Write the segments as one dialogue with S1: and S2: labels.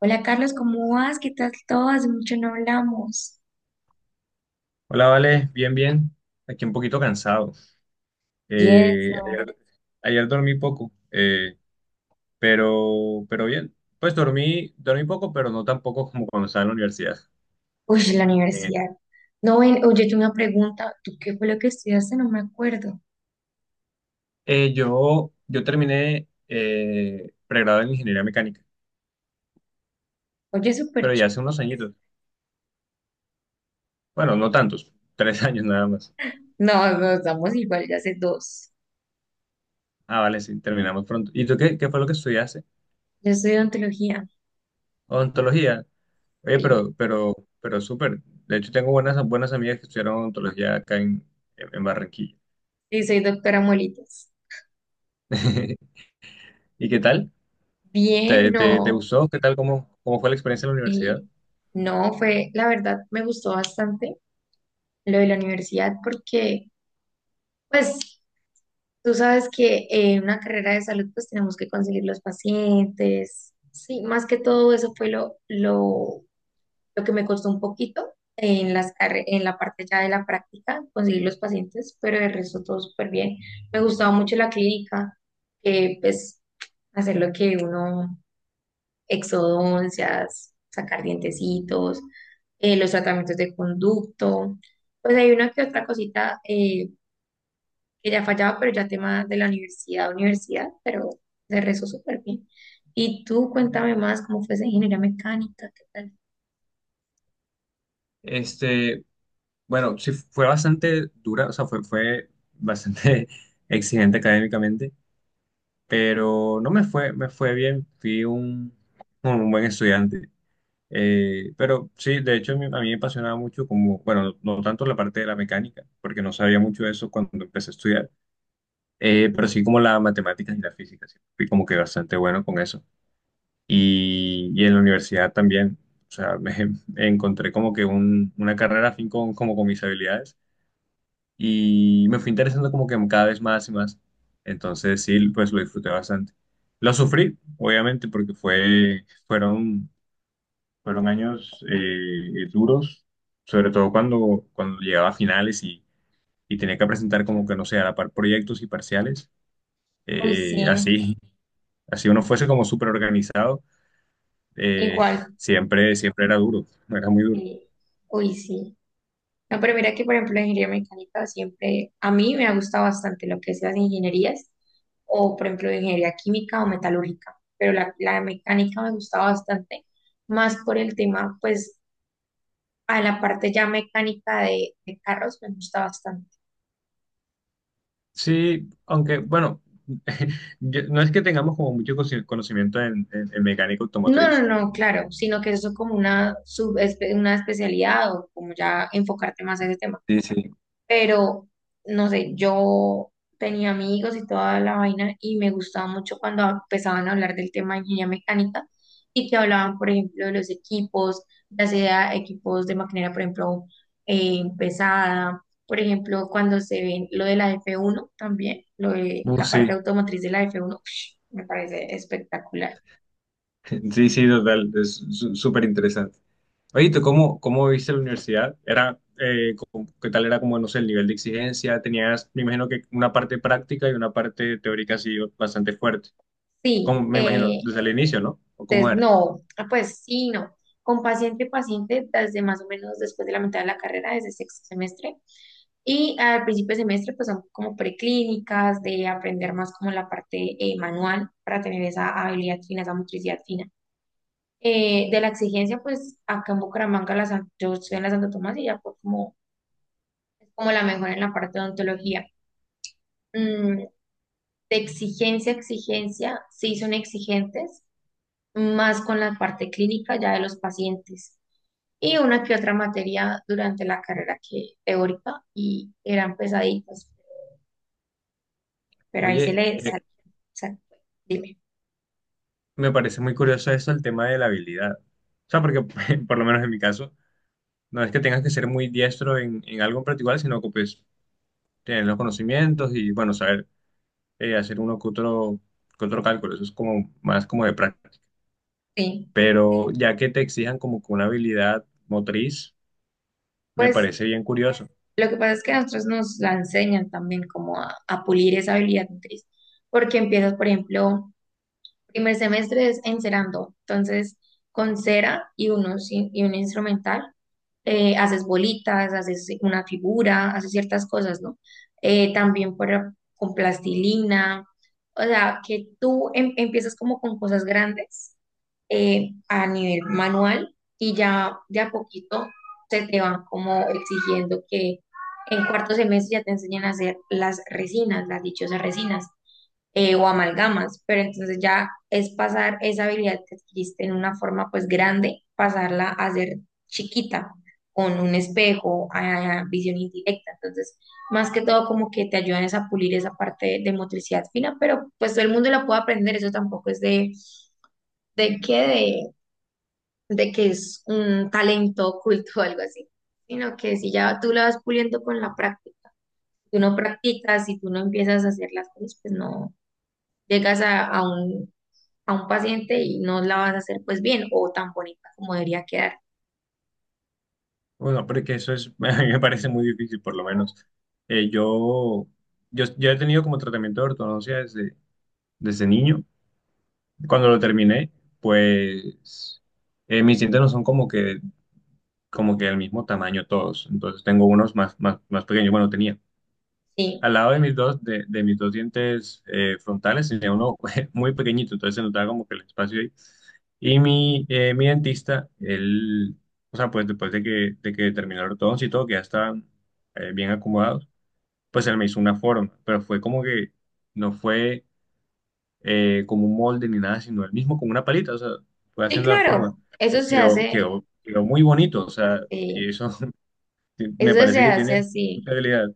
S1: Hola Carlos, ¿cómo vas? ¿Qué tal todo? Hace mucho no hablamos.
S2: Hola, Vale, bien, bien. Aquí un poquito cansado.
S1: Y
S2: Eh,
S1: eso.
S2: ayer, ayer dormí poco, pero bien. Pues dormí poco, pero no tan poco como cuando estaba en la universidad.
S1: Uy, la
S2: Eh,
S1: universidad. No, ven, oye, yo una pregunta. ¿Tú qué fue lo que estudiaste? No me acuerdo.
S2: yo terminé pregrado en ingeniería mecánica,
S1: Oye, súper
S2: pero ya
S1: chido.
S2: hace unos añitos. Bueno, no tantos, tres años nada más.
S1: No, no, estamos igual, ya hace dos.
S2: Ah, vale, sí, terminamos pronto. ¿Y tú qué fue lo que estudiaste?
S1: Yo estudio ontología.
S2: Odontología. Oye,
S1: Sí,
S2: pero súper. De hecho, tengo buenas amigas que estudiaron odontología acá en Barranquilla.
S1: sí, soy doctora Molitas.
S2: ¿Y qué tal?
S1: Bien,
S2: ¿Te
S1: no.
S2: gustó? ¿Qué tal? ¿Cómo fue la experiencia en la universidad?
S1: Sí. No, fue, la verdad, me gustó bastante lo de la universidad porque, pues, tú sabes que en una carrera de salud pues tenemos que conseguir los pacientes. Sí, más que todo eso fue lo que me costó un poquito en en la parte ya de la práctica, conseguir los pacientes, pero el resto todo súper bien. Me gustaba mucho la clínica, pues hacer lo que uno, exodoncias, sacar dientecitos, los tratamientos de conducto. Pues hay una que otra cosita que ya fallaba, pero ya tema de la universidad, pero de rezo súper bien. Y tú cuéntame más cómo fue esa ingeniería mecánica, qué tal.
S2: Este, bueno, sí, fue bastante dura, o sea, fue bastante exigente académicamente, pero no me fue bien, fui un buen estudiante. Pero sí, de hecho, a mí me apasionaba mucho como, bueno, no tanto la parte de la mecánica, porque no sabía mucho de eso cuando empecé a estudiar, pero sí como la matemáticas y la física, sí, fui como que bastante bueno con eso. Y en la universidad también. O sea, me me encontré como que una carrera afín con, como con mis habilidades y me fui interesando como que cada vez más y más. Entonces sí, pues lo disfruté bastante. Lo sufrí, obviamente, porque fueron años duros, sobre todo cuando llegaba a finales y tenía que presentar como que, no sé, a la par proyectos y parciales.
S1: Uy, sí,
S2: Así, así uno fuese como súper organizado, eh,
S1: igual,
S2: siempre era duro, era muy duro.
S1: sí, uy, sí. No, pero mira que, por ejemplo, la ingeniería mecánica siempre, a mí me ha gustado bastante lo que es las ingenierías, o por ejemplo, ingeniería química o metalúrgica, pero la mecánica me gustaba bastante, más por el tema, pues, a la parte ya mecánica de carros me gusta bastante.
S2: Sí, aunque bueno, no es que tengamos como mucho conocimiento en mecánica
S1: No, no,
S2: automotriz.
S1: no, claro, sino que eso es como una, una especialidad o como ya enfocarte más a ese tema.
S2: Sí, sí.
S1: Pero, no sé, yo tenía amigos y toda la vaina y me gustaba mucho cuando empezaban a hablar del tema de ingeniería mecánica y que hablaban, por ejemplo, de los equipos, ya sea equipos de maquinaria, por ejemplo, pesada, por ejemplo, cuando se ven lo de la f uno también, lo de la parte
S2: Sí,
S1: automotriz de la f uno, me parece espectacular.
S2: sí, sí, total, es súper interesante. Oye, ¿tú cómo viste la universidad? Era, ¿qué tal era como, no sé, el nivel de exigencia? Tenías, me imagino que una parte práctica y una parte teórica así bastante fuerte. Como,
S1: Sí,
S2: me imagino, desde el inicio, ¿no? ¿O cómo
S1: entonces,
S2: era?
S1: no, ah, pues sí, no. Con paciente, paciente, desde más o menos después de la mitad de la carrera, desde sexto semestre. Y al principio de semestre, pues son como preclínicas, de aprender más como la parte manual para tener esa habilidad fina, esa motricidad fina. De la exigencia, pues acá en Bucaramanga, yo estoy en la Santo Tomás y ya fue como, como la mejor en la parte de odontología. Mm, de exigencia, exigencia, sí son exigentes, más con la parte clínica ya de los pacientes. Y una que otra materia durante la carrera que teórica y eran pesaditas, pero ahí se
S2: Oye,
S1: le
S2: eh,
S1: salió. Exacto. Dime.
S2: Me parece muy curioso eso, el tema de la habilidad. O sea, porque por lo menos en mi caso, no es que tengas que ser muy diestro en algo en particular, sino que pues tener los conocimientos y bueno, saber hacer que otro cálculo. Eso es como más como de práctica.
S1: Sí.
S2: Pero ya que te exijan como que una habilidad motriz, me
S1: Pues
S2: parece bien curioso.
S1: lo que pasa es que a nosotros nos la enseñan también como a pulir esa habilidad motriz, porque empiezas, por ejemplo, primer semestre es encerando, entonces con cera y, unos, y un instrumental, haces bolitas, haces una figura, haces ciertas cosas, ¿no? También con plastilina, o sea, que tú empiezas como con cosas grandes a nivel manual y ya de a poquito se te van como exigiendo que en cuarto semestre ya te enseñen a hacer las resinas, las dichosas resinas, o amalgamas, pero entonces ya es pasar esa habilidad que adquiriste en una forma pues grande, pasarla a ser chiquita con un espejo, a visión indirecta. Entonces, más que todo como que te ayudan es a pulir esa parte de motricidad fina, pero pues todo el mundo la puede aprender, eso tampoco es de que de de que es un talento oculto o algo así, sino que si ya tú la vas puliendo con la práctica, si tú no practicas, si tú no empiezas a hacer las cosas, pues no llegas a un paciente y no la vas a hacer pues bien o tan bonita como debería quedar.
S2: Bueno, porque eso es, a mí me parece muy difícil, por lo menos. Eh, yo, yo he tenido como tratamiento de ortodoncia desde niño. Cuando lo terminé, pues mis dientes no son como que del mismo tamaño todos. Entonces tengo unos más pequeños. Bueno, tenía.
S1: Sí,
S2: Al lado de de mis dos dientes frontales tenía uno muy pequeñito, entonces se notaba como que el espacio ahí. Y mi dentista, él, o sea, pues después de de que terminaron todos y todo, que ya estaban bien acomodados, pues él me hizo una forma, pero fue como que no fue como un molde ni nada, sino el mismo con una palita, o sea, fue
S1: sí,
S2: haciendo la forma.
S1: claro, eso
S2: Y
S1: se hace,
S2: quedó muy bonito, o sea, y
S1: eh,
S2: eso me
S1: eso se
S2: parece que
S1: hace
S2: tiene
S1: así.
S2: mucha habilidad.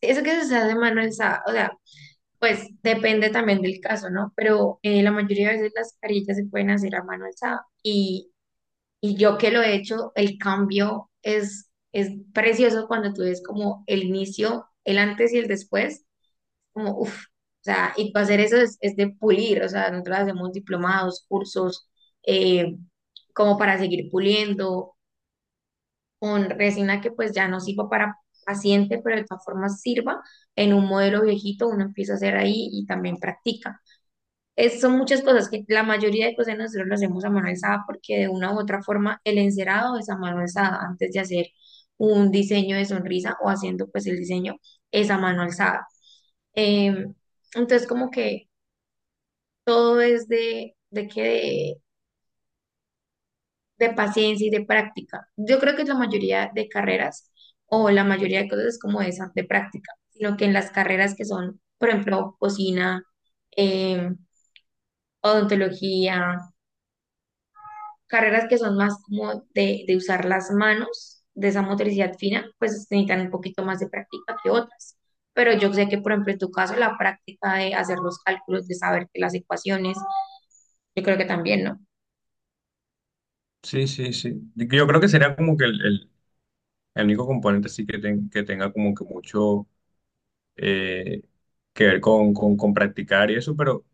S1: Eso que se hace mano o sea, pues depende también del caso, ¿no? Pero la mayoría de veces las carillas se pueden hacer a mano alzada y yo que lo he hecho, el cambio es precioso cuando tú ves como el inicio, el antes y el después como, uff, o sea, y para hacer eso es de pulir, o sea, nosotros hacemos diplomados, cursos, eh, como para seguir puliendo, con resina que pues ya no sirva para paciente, pero de todas formas sirva en un modelo viejito, uno empieza a hacer ahí y también practica. Son muchas cosas que la mayoría de cosas nosotros lo hacemos a mano alzada porque de una u otra forma el encerado es a mano alzada antes de hacer un diseño de sonrisa o haciendo pues el diseño es a mano alzada. Em, entonces como que todo es de de paciencia y de práctica. Yo creo que la mayoría de carreras o la mayoría de cosas es como esa de práctica, sino que en las carreras que son, por ejemplo, cocina, em, odontología, carreras que son más como de usar las manos, de esa motricidad fina, pues necesitan un poquito más de práctica que otras. Pero yo sé que, por ejemplo, en tu caso, la práctica de hacer los cálculos, de saber que las ecuaciones, yo creo que también, ¿no?
S2: Sí, sí, sí. Yo creo que sería como que el único componente sí que, que tenga como que mucho eh, que ver con practicar y eso, pero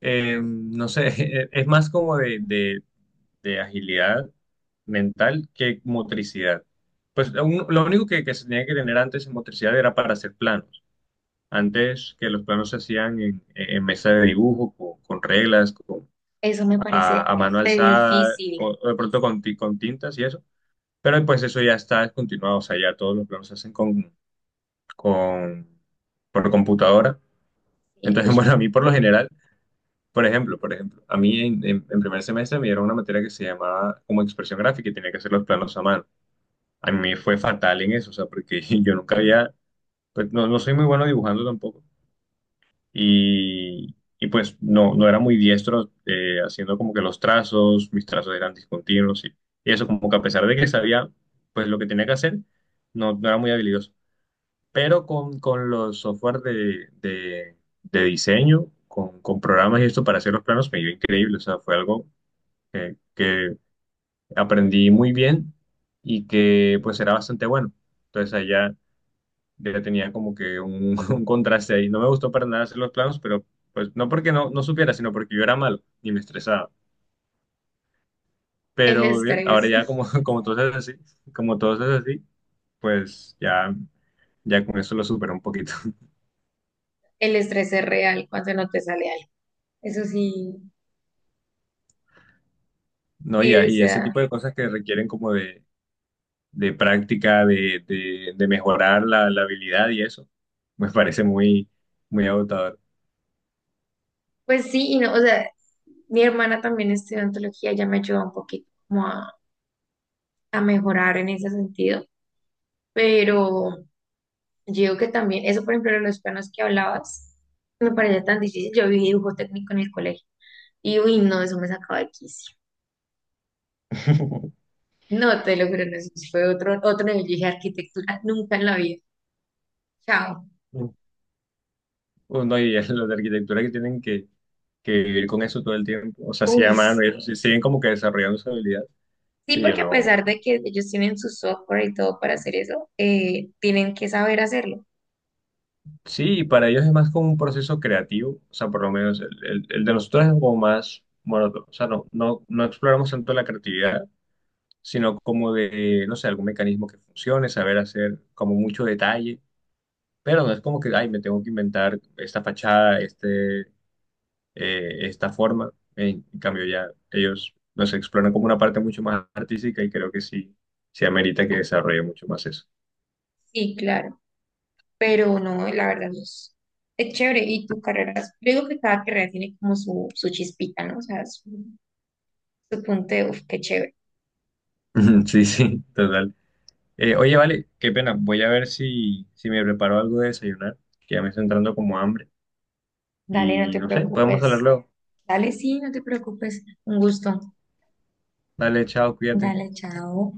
S2: no sé, es más como de agilidad mental que motricidad. Pues lo único que se tenía que tener antes en motricidad era para hacer plano. Antes que los planos se hacían en mesa de dibujo, con reglas,
S1: Eso me parece
S2: a mano
S1: re
S2: alzada,
S1: difícil.
S2: o de pronto con, con tintas y eso. Pero pues eso ya está descontinuado, o sea, ya todos los planos se hacen con, por computadora.
S1: Y,
S2: Entonces,
S1: uy,
S2: bueno, a mí por lo general, por ejemplo, a mí en primer semestre me dieron una materia que se llamaba como expresión gráfica y tenía que hacer los planos a mano. A mí me fue fatal en eso, o sea, porque yo nunca había, pues no, no soy muy bueno dibujando tampoco y pues no, no era muy diestro, haciendo como que los trazos, mis trazos eran discontinuos y eso como que a pesar de que sabía pues lo que tenía que hacer, no, no era muy habilidoso. Pero con los software de diseño, con programas y esto para hacer los planos me iba increíble, o sea, fue algo que aprendí muy bien y que pues era bastante bueno. Entonces allá ya tenía como que un, un contraste ahí. No me gustó para nada hacer los planos, pero pues no porque no, no supiera, sino porque yo era malo y me estresaba.
S1: el
S2: Pero bien, ahora
S1: estrés,
S2: ya como, como todo es así, pues ya con eso lo supero un poquito.
S1: el estrés es real cuando no te sale algo. Eso sí,
S2: No,
S1: sí, o
S2: y ese
S1: sea,
S2: tipo de cosas que requieren como de práctica, de mejorar la habilidad y eso, me parece muy agotador.
S1: pues sí, y no, o sea, mi hermana también estudió antología, ya me ayudó un poquito como a mejorar en ese sentido, pero yo digo que también, eso por ejemplo de los planos que hablabas, me parecía tan difícil. Yo vi dibujo técnico en el colegio y uy, no, eso me sacaba de quicio. No, te lo juro, no, eso sí fue otro, otro nivel. Yo dije arquitectura, nunca en la vida. Chao.
S2: Bueno, y los de arquitectura que tienen que vivir con eso todo el tiempo, o sea, sí a
S1: Uy,
S2: mano y eso,
S1: sí.
S2: sí, siguen como que desarrollando su habilidad.
S1: Sí,
S2: Sí, yo
S1: porque a
S2: no.
S1: pesar de que ellos tienen su software y todo para hacer eso, tienen que saber hacerlo.
S2: Sí, para ellos es más como un proceso creativo, o sea, por lo menos el de nosotros es como más monótono, o sea, no exploramos tanto la creatividad, sino como de, no sé, algún mecanismo que funcione, saber hacer como mucho detalle, pero no es como que, ay, me tengo que inventar esta fachada, esta forma. En cambio, ya ellos nos exploran como una parte mucho más artística y creo que sí, sí amerita que desarrolle mucho más eso.
S1: Sí, claro, pero no, la verdad no es, es chévere. Y tu carrera, yo digo que cada carrera tiene como su chispita, ¿no? O sea, su punto de, uf, qué chévere.
S2: Sí, sí, total. Oye, vale, qué pena. Voy a ver si me preparo algo de desayunar, que ya me está entrando como hambre.
S1: Dale, no
S2: Y
S1: te
S2: no sé, podemos hablar
S1: preocupes.
S2: luego.
S1: Dale, sí, no te preocupes. Un gusto.
S2: Dale, chao, cuídate.
S1: Dale, chao.